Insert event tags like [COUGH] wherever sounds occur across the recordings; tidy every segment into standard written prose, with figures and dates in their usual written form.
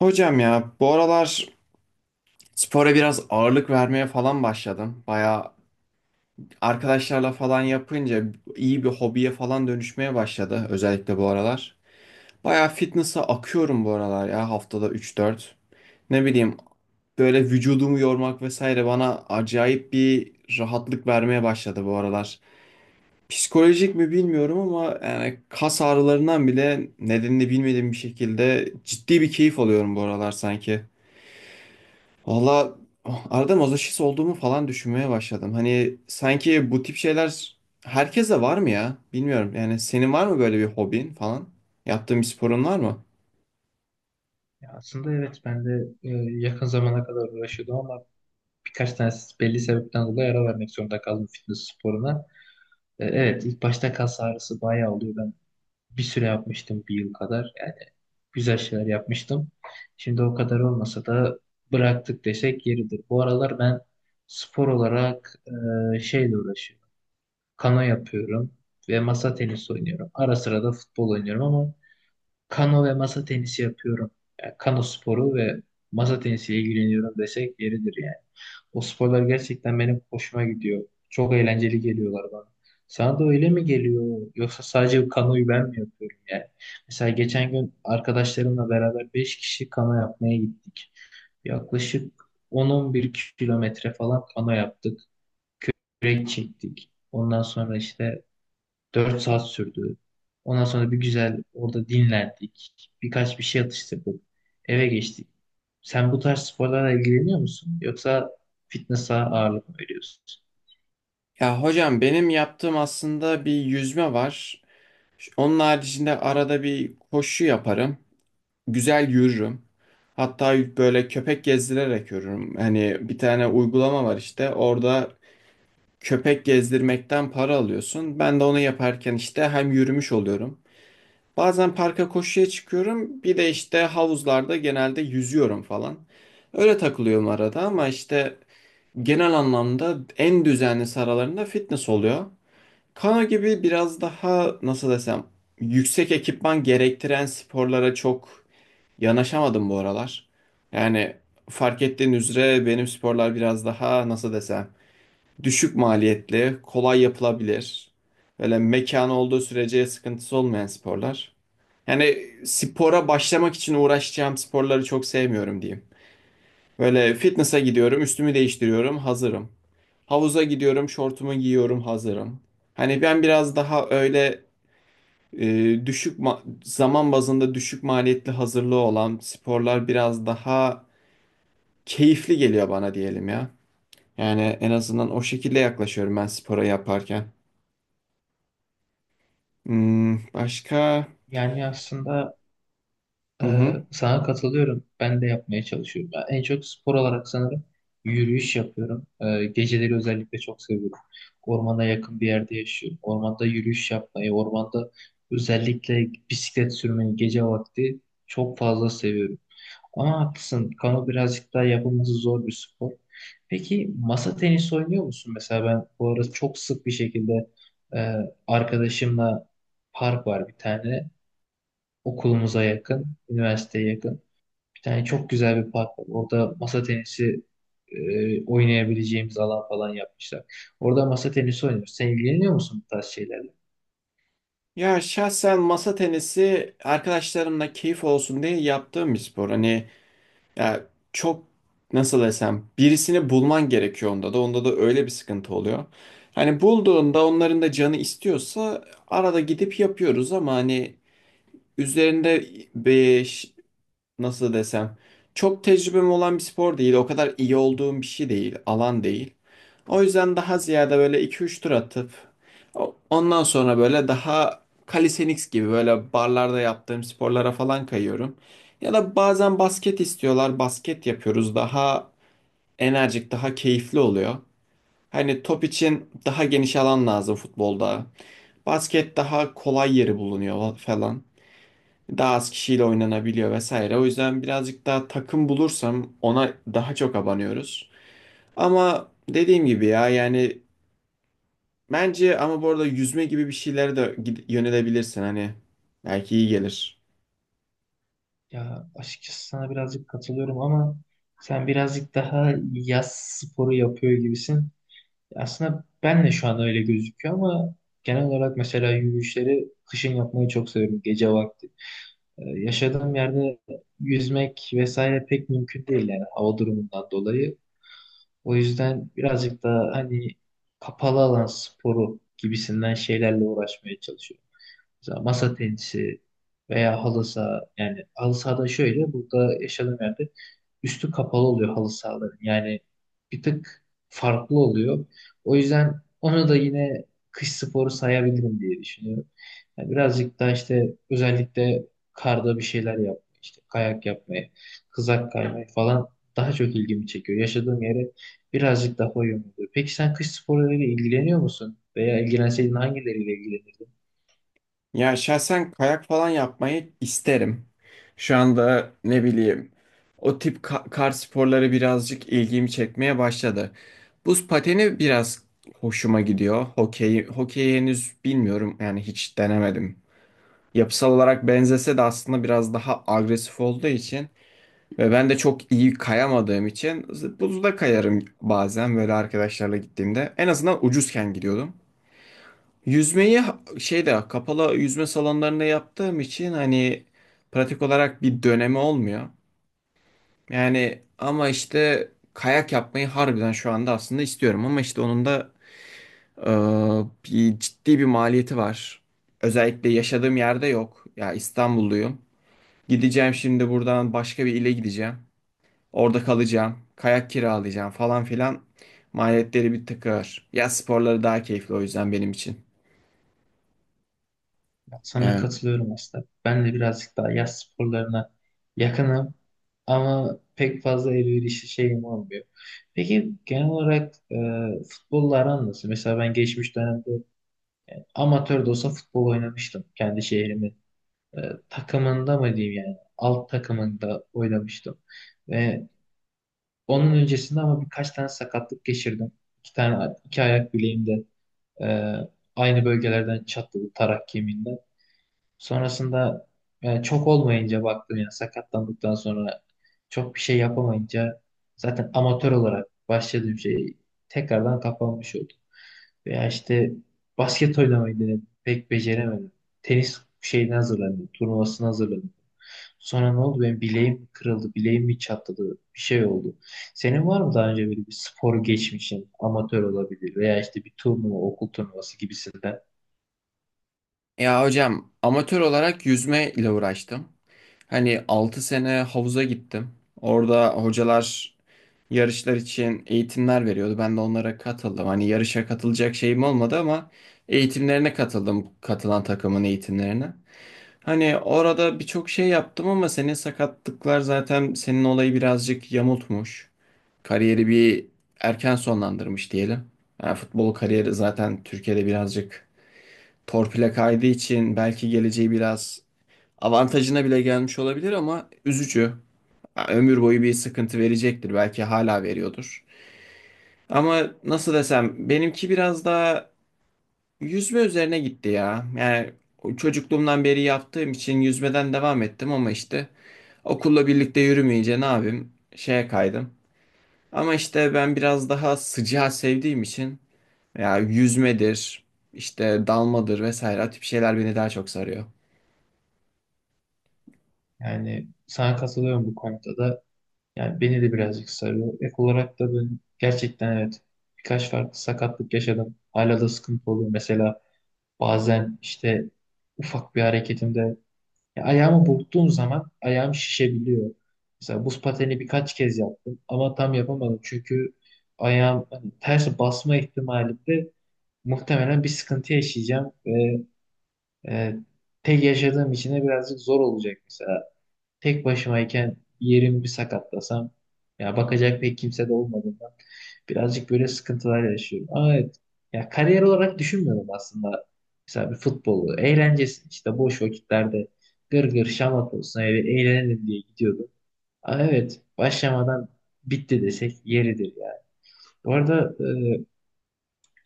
Hocam, ya bu aralar spora biraz ağırlık vermeye falan başladım. Baya arkadaşlarla falan yapınca iyi bir hobiye falan dönüşmeye başladı, özellikle bu aralar. Baya fitness'a akıyorum bu aralar ya, haftada üç dört, ne bileyim, böyle vücudumu yormak vesaire bana acayip bir rahatlık vermeye başladı bu aralar. Psikolojik mi bilmiyorum ama yani kas ağrılarından bile nedenini bilmediğim bir şekilde ciddi bir keyif alıyorum bu aralar sanki. Valla arada mazoşist olduğumu falan düşünmeye başladım. Hani sanki bu tip şeyler herkese var mı ya? Bilmiyorum. Yani senin var mı böyle bir hobin falan? Yaptığın bir sporun var mı? Ya aslında evet ben de yakın zamana kadar uğraşıyordum ama birkaç tane belli sebepten dolayı ara vermek zorunda kaldım fitness sporuna. Evet ilk başta kas ağrısı bayağı oluyor. Ben bir süre yapmıştım bir yıl kadar. Yani güzel şeyler yapmıştım. Şimdi o kadar olmasa da bıraktık desek yeridir. Bu aralar ben spor olarak şeyle uğraşıyorum. Kano yapıyorum ve masa tenisi oynuyorum. Ara sıra da futbol oynuyorum ama kano ve masa tenisi yapıyorum. Yani kano sporu ve masa tenisiyle ilgileniyorum desek yeridir yani. O sporlar gerçekten benim hoşuma gidiyor. Çok eğlenceli geliyorlar bana. Sana da öyle mi geliyor? Yoksa sadece kanoyu ben mi yapıyorum yani? Mesela geçen gün arkadaşlarımla beraber 5 kişi kano yapmaya gittik. Yaklaşık 10-11 kilometre falan kano yaptık. Kürek çektik. Ondan sonra işte dört saat sürdü. Ondan sonra bir güzel orada dinlendik. Birkaç bir şey atıştırdık. Eve geçtik. Sen bu tarz sporlarla ilgileniyor musun? Yoksa fitness'a ağırlık mı veriyorsun? Ya hocam, benim yaptığım aslında bir yüzme var. Onun haricinde arada bir koşu yaparım. Güzel yürürüm. Hatta böyle köpek gezdirerek yürürüm. Hani bir tane uygulama var işte. Orada köpek gezdirmekten para alıyorsun. Ben de onu yaparken işte hem yürümüş oluyorum. Bazen parka koşuya çıkıyorum. Bir de işte havuzlarda genelde yüzüyorum falan. Öyle takılıyorum arada ama işte genel anlamda en düzenli aralarında fitness oluyor. Kano gibi biraz daha nasıl desem yüksek ekipman gerektiren sporlara çok yanaşamadım bu aralar. Yani, fark ettiğin üzere benim sporlar biraz daha nasıl desem düşük maliyetli, kolay yapılabilir. Böyle mekan olduğu sürece sıkıntısı olmayan sporlar. Yani spora başlamak için uğraşacağım sporları çok sevmiyorum diyeyim. Böyle fitness'a gidiyorum, üstümü değiştiriyorum, hazırım. Havuza gidiyorum, şortumu giyiyorum, hazırım. Hani ben biraz daha öyle e, zaman bazında düşük maliyetli hazırlığı olan sporlar biraz daha keyifli geliyor bana diyelim ya. Yani en azından o şekilde yaklaşıyorum ben spora yaparken. Hmm, başka? Yani aslında Hı e, hı. sana katılıyorum. Ben de yapmaya çalışıyorum. Ben en çok spor olarak sanırım yürüyüş yapıyorum. Geceleri özellikle çok seviyorum. Ormana yakın bir yerde yaşıyorum. Ormanda yürüyüş yapmayı, ormanda özellikle bisiklet sürmeyi gece vakti çok fazla seviyorum. Ama haklısın. Kano birazcık daha yapılması zor bir spor. Peki masa tenisi oynuyor musun? Mesela ben bu arada çok sık bir şekilde e, arkadaşımla park var bir tane. Okulumuza yakın, üniversiteye yakın. Bir tane çok güzel bir park var. Orada masa tenisi oynayabileceğimiz alan falan yapmışlar. Orada masa tenisi oynuyoruz. Sen ilgileniyor musun bu tarz şeylerle? Ya şahsen masa tenisi arkadaşlarımla keyif olsun diye yaptığım bir spor. Hani ya çok nasıl desem birisini bulman gerekiyor, onda da öyle bir sıkıntı oluyor. Hani bulduğunda onların da canı istiyorsa arada gidip yapıyoruz ama hani üzerinde beş, nasıl desem, çok tecrübem olan bir spor değil. O kadar iyi olduğum bir şey değil. Alan değil. O yüzden daha ziyade böyle iki üç tur atıp ondan sonra böyle daha calisthenics gibi böyle barlarda yaptığım sporlara falan kayıyorum. Ya da bazen basket istiyorlar. Basket yapıyoruz. Daha enerjik, daha keyifli oluyor. Hani top için daha geniş alan lazım futbolda. Basket daha kolay yeri bulunuyor falan. Daha az kişiyle oynanabiliyor vesaire. O yüzden birazcık daha takım bulursam ona daha çok abanıyoruz. Ama dediğim gibi ya yani bence, ama bu arada yüzme gibi bir şeylere de yönelebilirsin, hani belki iyi gelir. Ya açıkçası sana birazcık katılıyorum ama sen birazcık daha yaz sporu yapıyor gibisin. Aslında ben de şu an öyle gözüküyor ama genel olarak mesela yürüyüşleri kışın yapmayı çok seviyorum gece vakti. Yaşadığım yerde yüzmek vesaire pek mümkün değil yani hava durumundan dolayı. O yüzden birazcık daha hani kapalı alan sporu gibisinden şeylerle uğraşmaya çalışıyorum. Mesela masa tenisi veya halı saha. Yani halı sahada şöyle burada yaşadığım yerde üstü kapalı oluyor halı sahaların. Yani bir tık farklı oluyor. O yüzden onu da yine kış sporu sayabilirim diye düşünüyorum. Yani birazcık daha işte özellikle karda bir şeyler yapmayı, işte kayak yapmayı, kızak kaymayı falan daha çok ilgimi çekiyor. Yaşadığım yere birazcık daha uyumlu oluyor. Peki sen kış sporlarıyla ilgileniyor musun? Veya ilgilenseydin hangileriyle ilgilenirdin? Ya şahsen kayak falan yapmayı isterim. Şu anda ne bileyim o tip kar sporları birazcık ilgimi çekmeye başladı. Buz pateni biraz hoşuma gidiyor. Hokey, hokeyi henüz bilmiyorum, yani hiç denemedim. Yapısal olarak benzese de aslında biraz daha agresif olduğu için ve ben de çok iyi kayamadığım için buzda kayarım bazen böyle arkadaşlarla gittiğimde. En azından ucuzken gidiyordum. Yüzmeyi şeyde, kapalı yüzme salonlarında yaptığım için hani pratik olarak bir dönemi olmuyor. Yani, ama işte kayak yapmayı harbiden şu anda aslında istiyorum ama işte onun da e, bir ciddi bir maliyeti var. Özellikle yaşadığım yerde yok. Ya, İstanbulluyum. Gideceğim şimdi buradan başka bir ile gideceğim. Orada kalacağım. Kayak kiralayacağım falan filan. Maliyetleri bir tık. Yaz sporları daha keyifli o yüzden benim için. Sana Yani. katılıyorum aslında. Ben de birazcık daha yaz sporlarına yakınım ama pek fazla elverişli şeyim olmuyor. Peki genel olarak futbolla aran nasıl? Mesela ben geçmiş dönemde amatör de olsa futbol oynamıştım kendi şehrimin e, takımında mı diyeyim yani alt takımında oynamıştım. Ve onun öncesinde ama birkaç tane sakatlık geçirdim. İki tane iki ayak bileğimde e, aynı bölgelerden çatladı tarak kemiğinden. Sonrasında yani çok olmayınca baktım ya sakatlandıktan sonra çok bir şey yapamayınca zaten amatör olarak başladığım şey tekrardan kapanmış oldu. Veya işte basket oynamayı denedim. Pek beceremedim. Tenis şeyine hazırlandım. Turnuvasına hazırlandım. Sonra ne oldu? Benim bileğim kırıldı. Bileğim bir çatladı. Bir şey oldu. Senin var mı daha önce böyle bir spor geçmişin? Amatör olabilir veya işte bir turnuva, okul turnuvası gibisinden. Ya hocam, amatör olarak yüzme ile uğraştım. Hani 6 sene havuza gittim. Orada hocalar yarışlar için eğitimler veriyordu. Ben de onlara katıldım. Hani yarışa katılacak şeyim olmadı ama eğitimlerine katıldım. Katılan takımın eğitimlerine. Hani orada birçok şey yaptım ama senin sakatlıklar zaten senin olayı birazcık yamultmuş. Kariyeri bir erken sonlandırmış diyelim. Yani futbol kariyeri zaten Türkiye'de birazcık torpile kaydığı için belki geleceği biraz avantajına bile gelmiş olabilir ama üzücü. Ya, ömür boyu bir sıkıntı verecektir. Belki hala veriyordur. Ama nasıl desem benimki biraz daha yüzme üzerine gitti ya. Yani o çocukluğumdan beri yaptığım için yüzmeden devam ettim ama işte okulla birlikte yürümeyince ne yapayım? Şeye kaydım. Ama işte ben biraz daha sıcağı sevdiğim için ya yüzmedir, işte dalmadır vesaire o tip şeyler beni daha çok sarıyor. [LAUGHS] Yani sana katılıyorum bu konuda da. Yani beni de birazcık sarıyor. Ek olarak da ben gerçekten evet birkaç farklı sakatlık yaşadım. Hala da sıkıntı oluyor. Mesela bazen işte ufak bir hareketimde ya ayağımı burktuğum zaman ayağım şişebiliyor. Mesela buz pateni birkaç kez yaptım ama tam yapamadım. Çünkü ayağım hani ters basma ihtimalinde muhtemelen bir sıkıntı yaşayacağım ve e, tek yaşadığım için de birazcık zor olacak mesela. Tek başımayken yerim bir sakatlasam ya bakacak pek kimse de olmadığından birazcık böyle sıkıntılar yaşıyorum. Ama evet ya kariyer olarak düşünmüyorum aslında. Mesela bir futbolu eğlencesi işte boş vakitlerde gır gır şamat olsun eve eğlenelim diye gidiyordum. Aa, evet başlamadan bitti desek yeridir yani. Bu arada,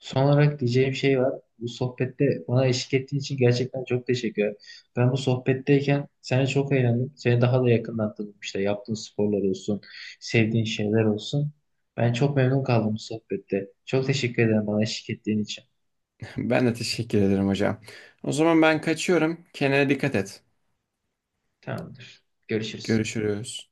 son olarak diyeceğim şey var. Bu sohbette bana eşlik ettiğin için gerçekten çok teşekkür ederim. Ben bu sohbetteyken seni çok eğlendim. Seni daha da yakından tanıdım. İşte yaptığın sporlar olsun, sevdiğin şeyler olsun. Ben çok memnun kaldım bu sohbette. Çok teşekkür ederim bana eşlik ettiğin için. Ben de teşekkür ederim hocam. O zaman ben kaçıyorum. Kendine dikkat et. Tamamdır. Görüşürüz. Görüşürüz.